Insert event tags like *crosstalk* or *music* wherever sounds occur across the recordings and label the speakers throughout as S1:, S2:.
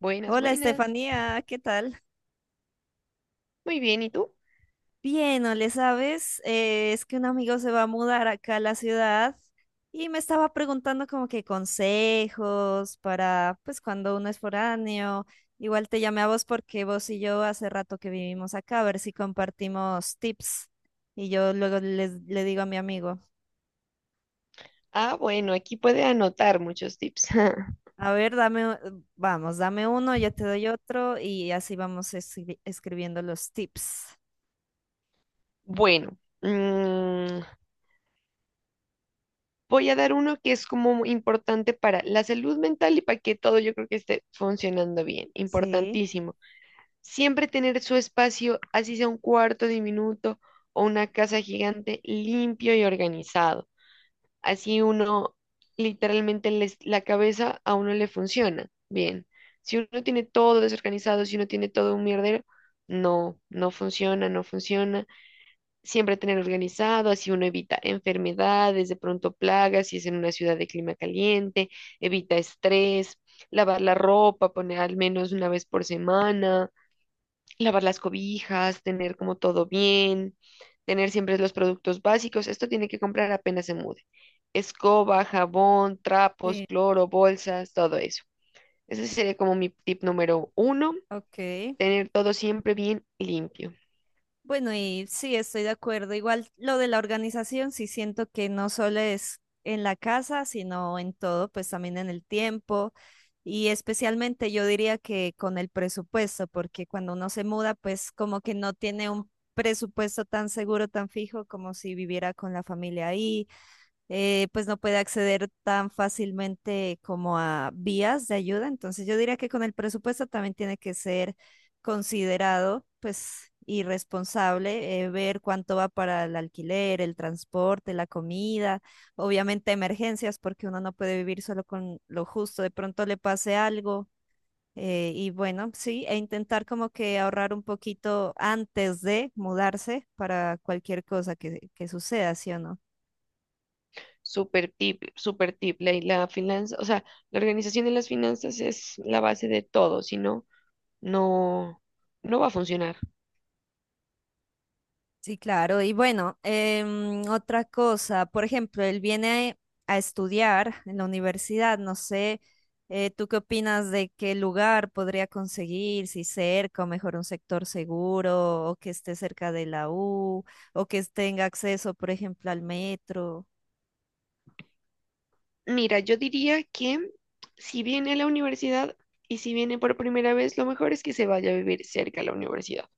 S1: Buenas,
S2: Hola
S1: buenas.
S2: Estefanía, ¿qué tal?
S1: Muy bien, ¿y tú?
S2: Bien, ¿no le sabes? Es que un amigo se va a mudar acá a la ciudad y me estaba preguntando como que consejos para, pues cuando uno es foráneo, igual te llamé a vos porque vos y yo hace rato que vivimos acá, a ver si compartimos tips y yo le digo a mi amigo,
S1: Ah, bueno, aquí puede anotar muchos tips. *laughs*
S2: a ver, dame, vamos, dame uno, yo te doy otro y así vamos escribiendo los tips.
S1: Bueno, mm, voy a dar uno que es como muy importante para la salud mental y para que todo yo creo que esté funcionando bien.
S2: Sí,
S1: Importantísimo. Siempre tener su espacio, así sea un cuarto diminuto o una casa gigante, limpio y organizado. Así uno, la cabeza a uno le funciona bien. Si uno tiene todo desorganizado, si uno tiene todo un mierdero, no, no funciona, no funciona. Siempre tener organizado, así uno evita enfermedades, de pronto plagas, si es en una ciudad de clima caliente, evita estrés, lavar la ropa, poner al menos una vez por semana lavar las cobijas, tener como todo bien, tener siempre los productos básicos. Esto tiene que comprar apenas se mude. Escoba, jabón, trapos,
S2: sí,
S1: cloro, bolsas, todo eso. Ese sería como mi tip número uno,
S2: ok.
S1: tener todo siempre bien limpio.
S2: Bueno, y sí, estoy de acuerdo. Igual lo de la organización, sí siento que no solo es en la casa, sino en todo, pues también en el tiempo y especialmente yo diría que con el presupuesto, porque cuando uno se muda, pues como que no tiene un presupuesto tan seguro, tan fijo como si viviera con la familia ahí pues no puede acceder tan fácilmente como a vías de ayuda. Entonces yo diría que con el presupuesto también tiene que ser considerado, pues, y responsable, ver cuánto va para el alquiler, el transporte, la comida, obviamente emergencias, porque uno no puede vivir solo con lo justo, de pronto le pase algo. Y bueno, sí, e intentar como que ahorrar un poquito antes de mudarse para cualquier cosa que suceda, ¿sí o no?
S1: Super tip, super tip. La finanza, o sea, la organización de las finanzas es la base de todo, si no, no, no va a funcionar.
S2: Sí, claro. Y bueno, otra cosa, por ejemplo, él viene a estudiar en la universidad. No sé, ¿tú qué opinas de qué lugar podría conseguir? Si cerca o mejor un sector seguro o que esté cerca de la U o que tenga acceso, por ejemplo, al metro.
S1: Mira, yo diría que si viene a la universidad y si viene por primera vez, lo mejor es que se vaya a vivir cerca a la universidad.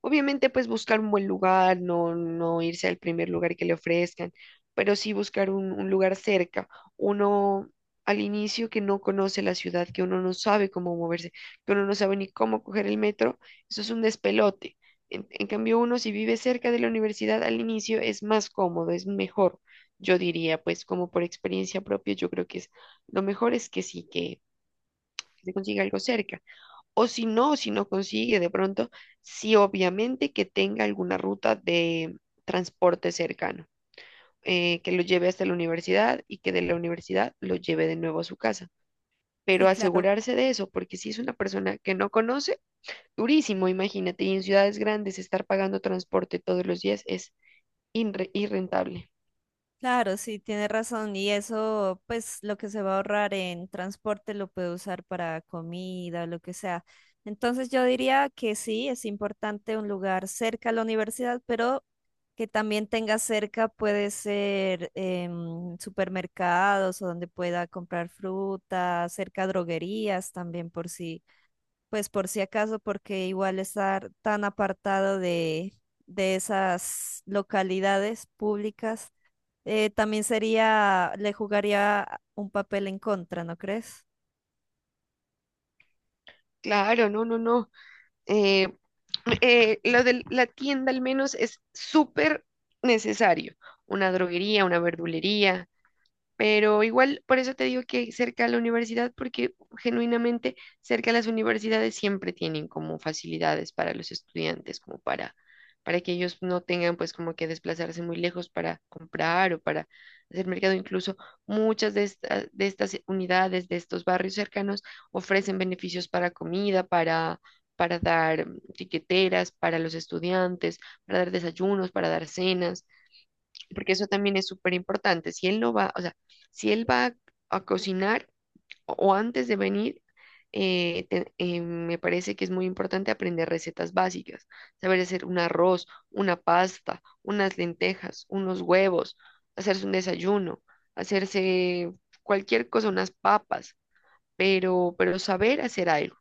S1: Obviamente, pues buscar un buen lugar, no, no irse al primer lugar que le ofrezcan, pero sí buscar un lugar cerca. Uno al inicio que no conoce la ciudad, que uno no sabe cómo moverse, que uno no sabe ni cómo coger el metro, eso es un despelote. En cambio, uno si vive cerca de la universidad al inicio es más cómodo, es mejor. Yo diría, pues como por experiencia propia, yo creo que es lo mejor es que sí, que se consiga algo cerca. O si no, si no consigue de pronto, sí, obviamente que tenga alguna ruta de transporte cercano, que lo lleve hasta la universidad y que de la universidad lo lleve de nuevo a su casa.
S2: Sí,
S1: Pero
S2: claro.
S1: asegurarse de eso, porque si es una persona que no conoce, durísimo, imagínate, y en ciudades grandes estar pagando transporte todos los días es irrentable.
S2: Claro, sí, tiene razón. Y eso, pues lo que se va a ahorrar en transporte lo puede usar para comida o lo que sea. Entonces yo diría que sí, es importante un lugar cerca a la universidad, pero que también tenga cerca puede ser supermercados o donde pueda comprar fruta, cerca droguerías también por si, pues por si acaso, porque igual estar tan apartado de esas localidades públicas también sería, le jugaría un papel en contra, ¿no crees?
S1: Claro, no, no, no. Eh, *clears throat* lo de la tienda al menos es súper necesario. Una droguería, una verdulería. Pero igual, por eso te digo que cerca a la universidad, porque genuinamente cerca a las universidades siempre tienen como facilidades para los estudiantes, para que ellos no tengan pues como que desplazarse muy lejos para comprar o para hacer mercado. Incluso muchas de estas unidades, de estos barrios cercanos, ofrecen beneficios para dar tiqueteras, para los estudiantes, para dar desayunos, para dar cenas porque eso también es súper importante. Si él va a cocinar o antes de venir, me parece que es muy importante aprender recetas básicas, saber hacer un arroz, una pasta, unas lentejas, unos huevos, hacerse un desayuno, hacerse cualquier cosa, unas papas, pero saber hacer algo.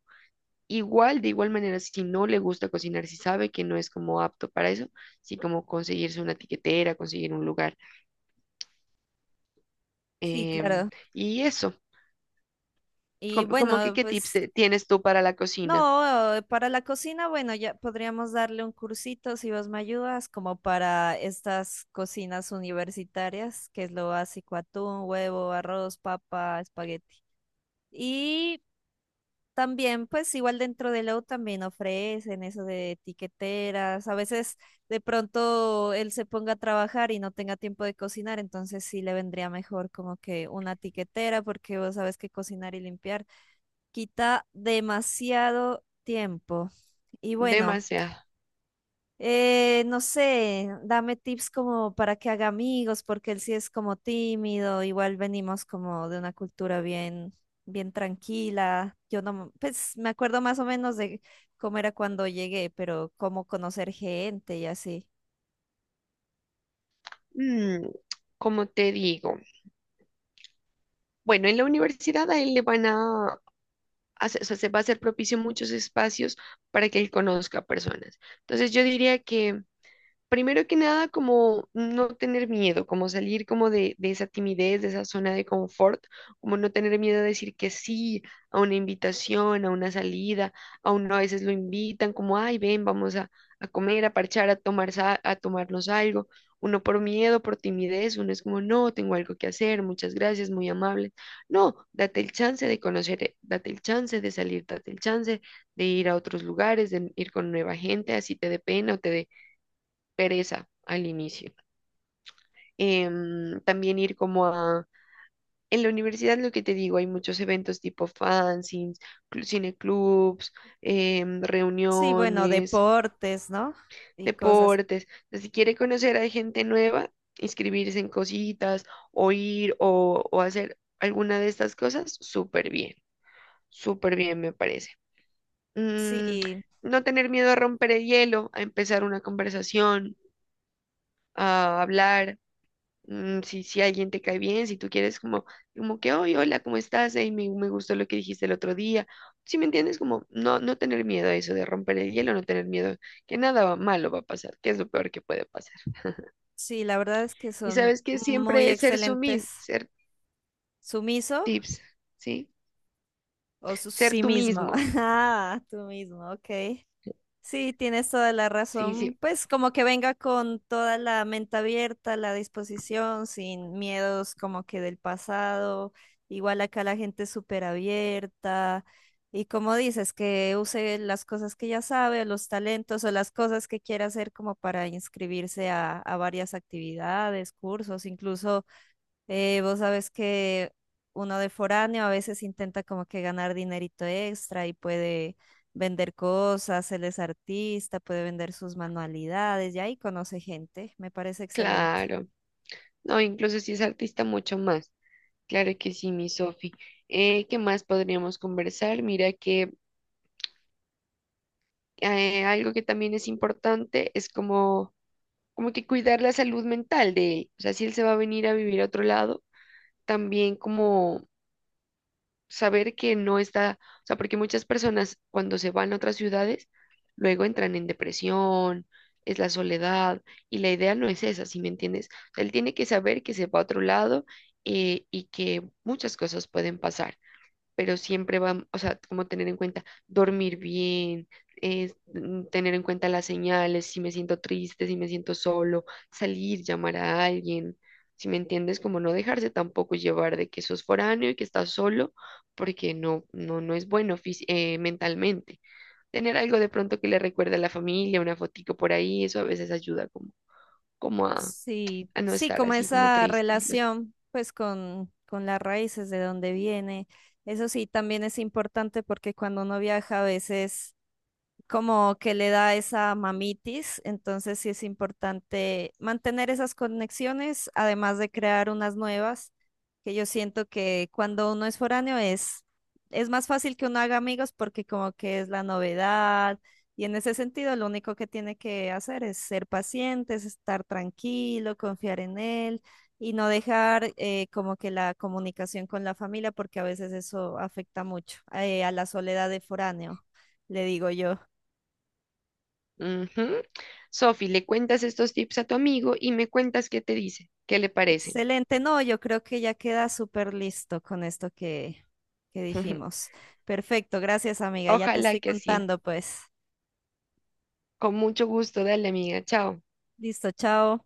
S1: Igual, de igual manera, si no le gusta cocinar, si sabe que no es como apto para eso, sí como conseguirse una tiquetera, conseguir un lugar.
S2: Sí,
S1: Em,
S2: claro.
S1: y eso,
S2: Y
S1: ¿como que
S2: bueno,
S1: qué
S2: pues
S1: tienes tú para la cocina?
S2: no, para la cocina, bueno, ya podríamos darle un cursito si vos me ayudas, como para estas cocinas universitarias, que es lo básico, atún, huevo, arroz, papa, espagueti. Y también, pues igual dentro de Lowe también ofrecen eso de tiqueteras. A veces de pronto él se ponga a trabajar y no tenga tiempo de cocinar, entonces sí le vendría mejor como que una tiquetera porque vos sabes que cocinar y limpiar quita demasiado tiempo. Y bueno.
S1: Demasiado.
S2: No sé, dame tips como para que haga amigos, porque él sí es como tímido, igual venimos como de una bien tranquila. Yo no, pues me acuerdo más o menos de cómo era cuando llegué, pero cómo conocer gente y así.
S1: Mm, como te digo, bueno, en la universidad a él le van a, hacer- o sea, se va a hacer propicio muchos espacios para que él conozca personas. Entonces yo diría que primero que nada, como no tener miedo, como salir como de esa timidez, de esa zona de confort, como no tener miedo a decir que sí a una invitación, a una salida, a uno a veces lo invitan como, ay, ven, a comer, a parchar, a tomarnos algo. Uno por miedo, por timidez, uno es como, no, tengo algo que hacer, muchas gracias, muy amable. No, date el chance de conocer, date el chance de salir, date el chance de ir a otros lugares, de ir con nueva gente, así te dé pena o te dé pereza al inicio. También ir como a... En la universidad, lo que te digo, hay muchos eventos tipo fanzines, cineclubs,
S2: Sí, bueno,
S1: reuniones,
S2: deportes, ¿no? Y cosas.
S1: deportes. Entonces, si quiere conocer a gente nueva, inscribirse en cositas o hacer alguna de estas cosas, súper bien me parece. Mm,
S2: Sí,
S1: no tener miedo a romper el hielo, a empezar una conversación, a hablar, si, si alguien te cae bien, si tú quieres como, como que, hoy hola, ¿cómo estás? Ey, me gustó lo que dijiste el otro día. ¿Si me entiendes? Como no, no tener miedo a eso de romper el hielo, no tener miedo que nada va- malo va a pasar, que es lo peor que puede pasar.
S2: sí, la verdad es que
S1: Y
S2: son
S1: sabes que
S2: muy
S1: siempre es
S2: excelentes.
S1: ser
S2: ¿Sumiso
S1: tips, ¿sí?
S2: o su
S1: Ser
S2: sí
S1: tú
S2: mismo?
S1: mismo.
S2: *laughs* Ah, tú mismo, ok. Sí, tienes toda la
S1: Sí, sí,
S2: razón. Pues como que venga con toda la mente abierta, la disposición, sin miedos como que del pasado. Igual acá la gente es súper abierta. Y como dices, que use las cosas que ya sabe, o los talentos o las cosas que quiera hacer como para inscribirse a varias actividades, cursos, incluso vos sabes que uno de foráneo a veces intenta como que ganar dinerito extra y puede vender cosas, él es artista, puede vender sus manualidades y ahí conoce gente, me parece excelente.
S1: claro. No, incluso si es artista, mucho más. Claro que sí, mi Sofi. ¿Qué más podríamos conversar? Mira que algo que también es importante es como que cuidar la salud mental de él. O sea, si él se va a venir a vivir a otro lado, también como saber que no está, o sea, porque muchas personas cuando se van a otras ciudades, luego entran en depresión, es la soledad, y la idea no es esa, ¿si me entiendes? O sea, él tiene que saber que se va a otro lado, y que muchas cosas pueden pasar, pero siempre vamos, o sea, como tener en cuenta dormir bien, tener en cuenta las señales, si me siento triste, si me siento solo, salir, llamar a alguien, si me entiendes, como no dejarse tampoco llevar de que sos foráneo y que estás solo, porque no, no, no es bueno mentalmente. Tener algo de pronto que le recuerde a la familia, una fotico por ahí, eso a veces ayuda como
S2: Sí,
S1: a no
S2: sí,
S1: estar
S2: como
S1: así como
S2: esa
S1: triste. Los.
S2: relación pues con las raíces de donde viene. Eso sí, también es importante porque cuando uno viaja a veces como que le da esa mamitis, entonces sí es importante mantener esas conexiones, además de crear unas nuevas, que yo siento que cuando uno es foráneo es más fácil que uno haga amigos porque como que es la novedad y en ese sentido lo único que tiene que hacer es ser paciente, es estar tranquilo, confiar en él. Y no dejar como que la comunicación con la familia, porque a veces eso afecta mucho a la soledad de foráneo le digo yo.
S1: Ujú. Sofi, le cuentas estos tips a tu amigo y me cuentas qué te dice, qué le parecen.
S2: Excelente, no, yo creo que ya queda súper listo con esto que
S1: *laughs*
S2: dijimos. Perfecto, gracias amiga, ya te
S1: Ojalá
S2: estoy
S1: que sí.
S2: contando pues.
S1: Con mucho gusto, dale, amiga. Chao.
S2: Listo, chao.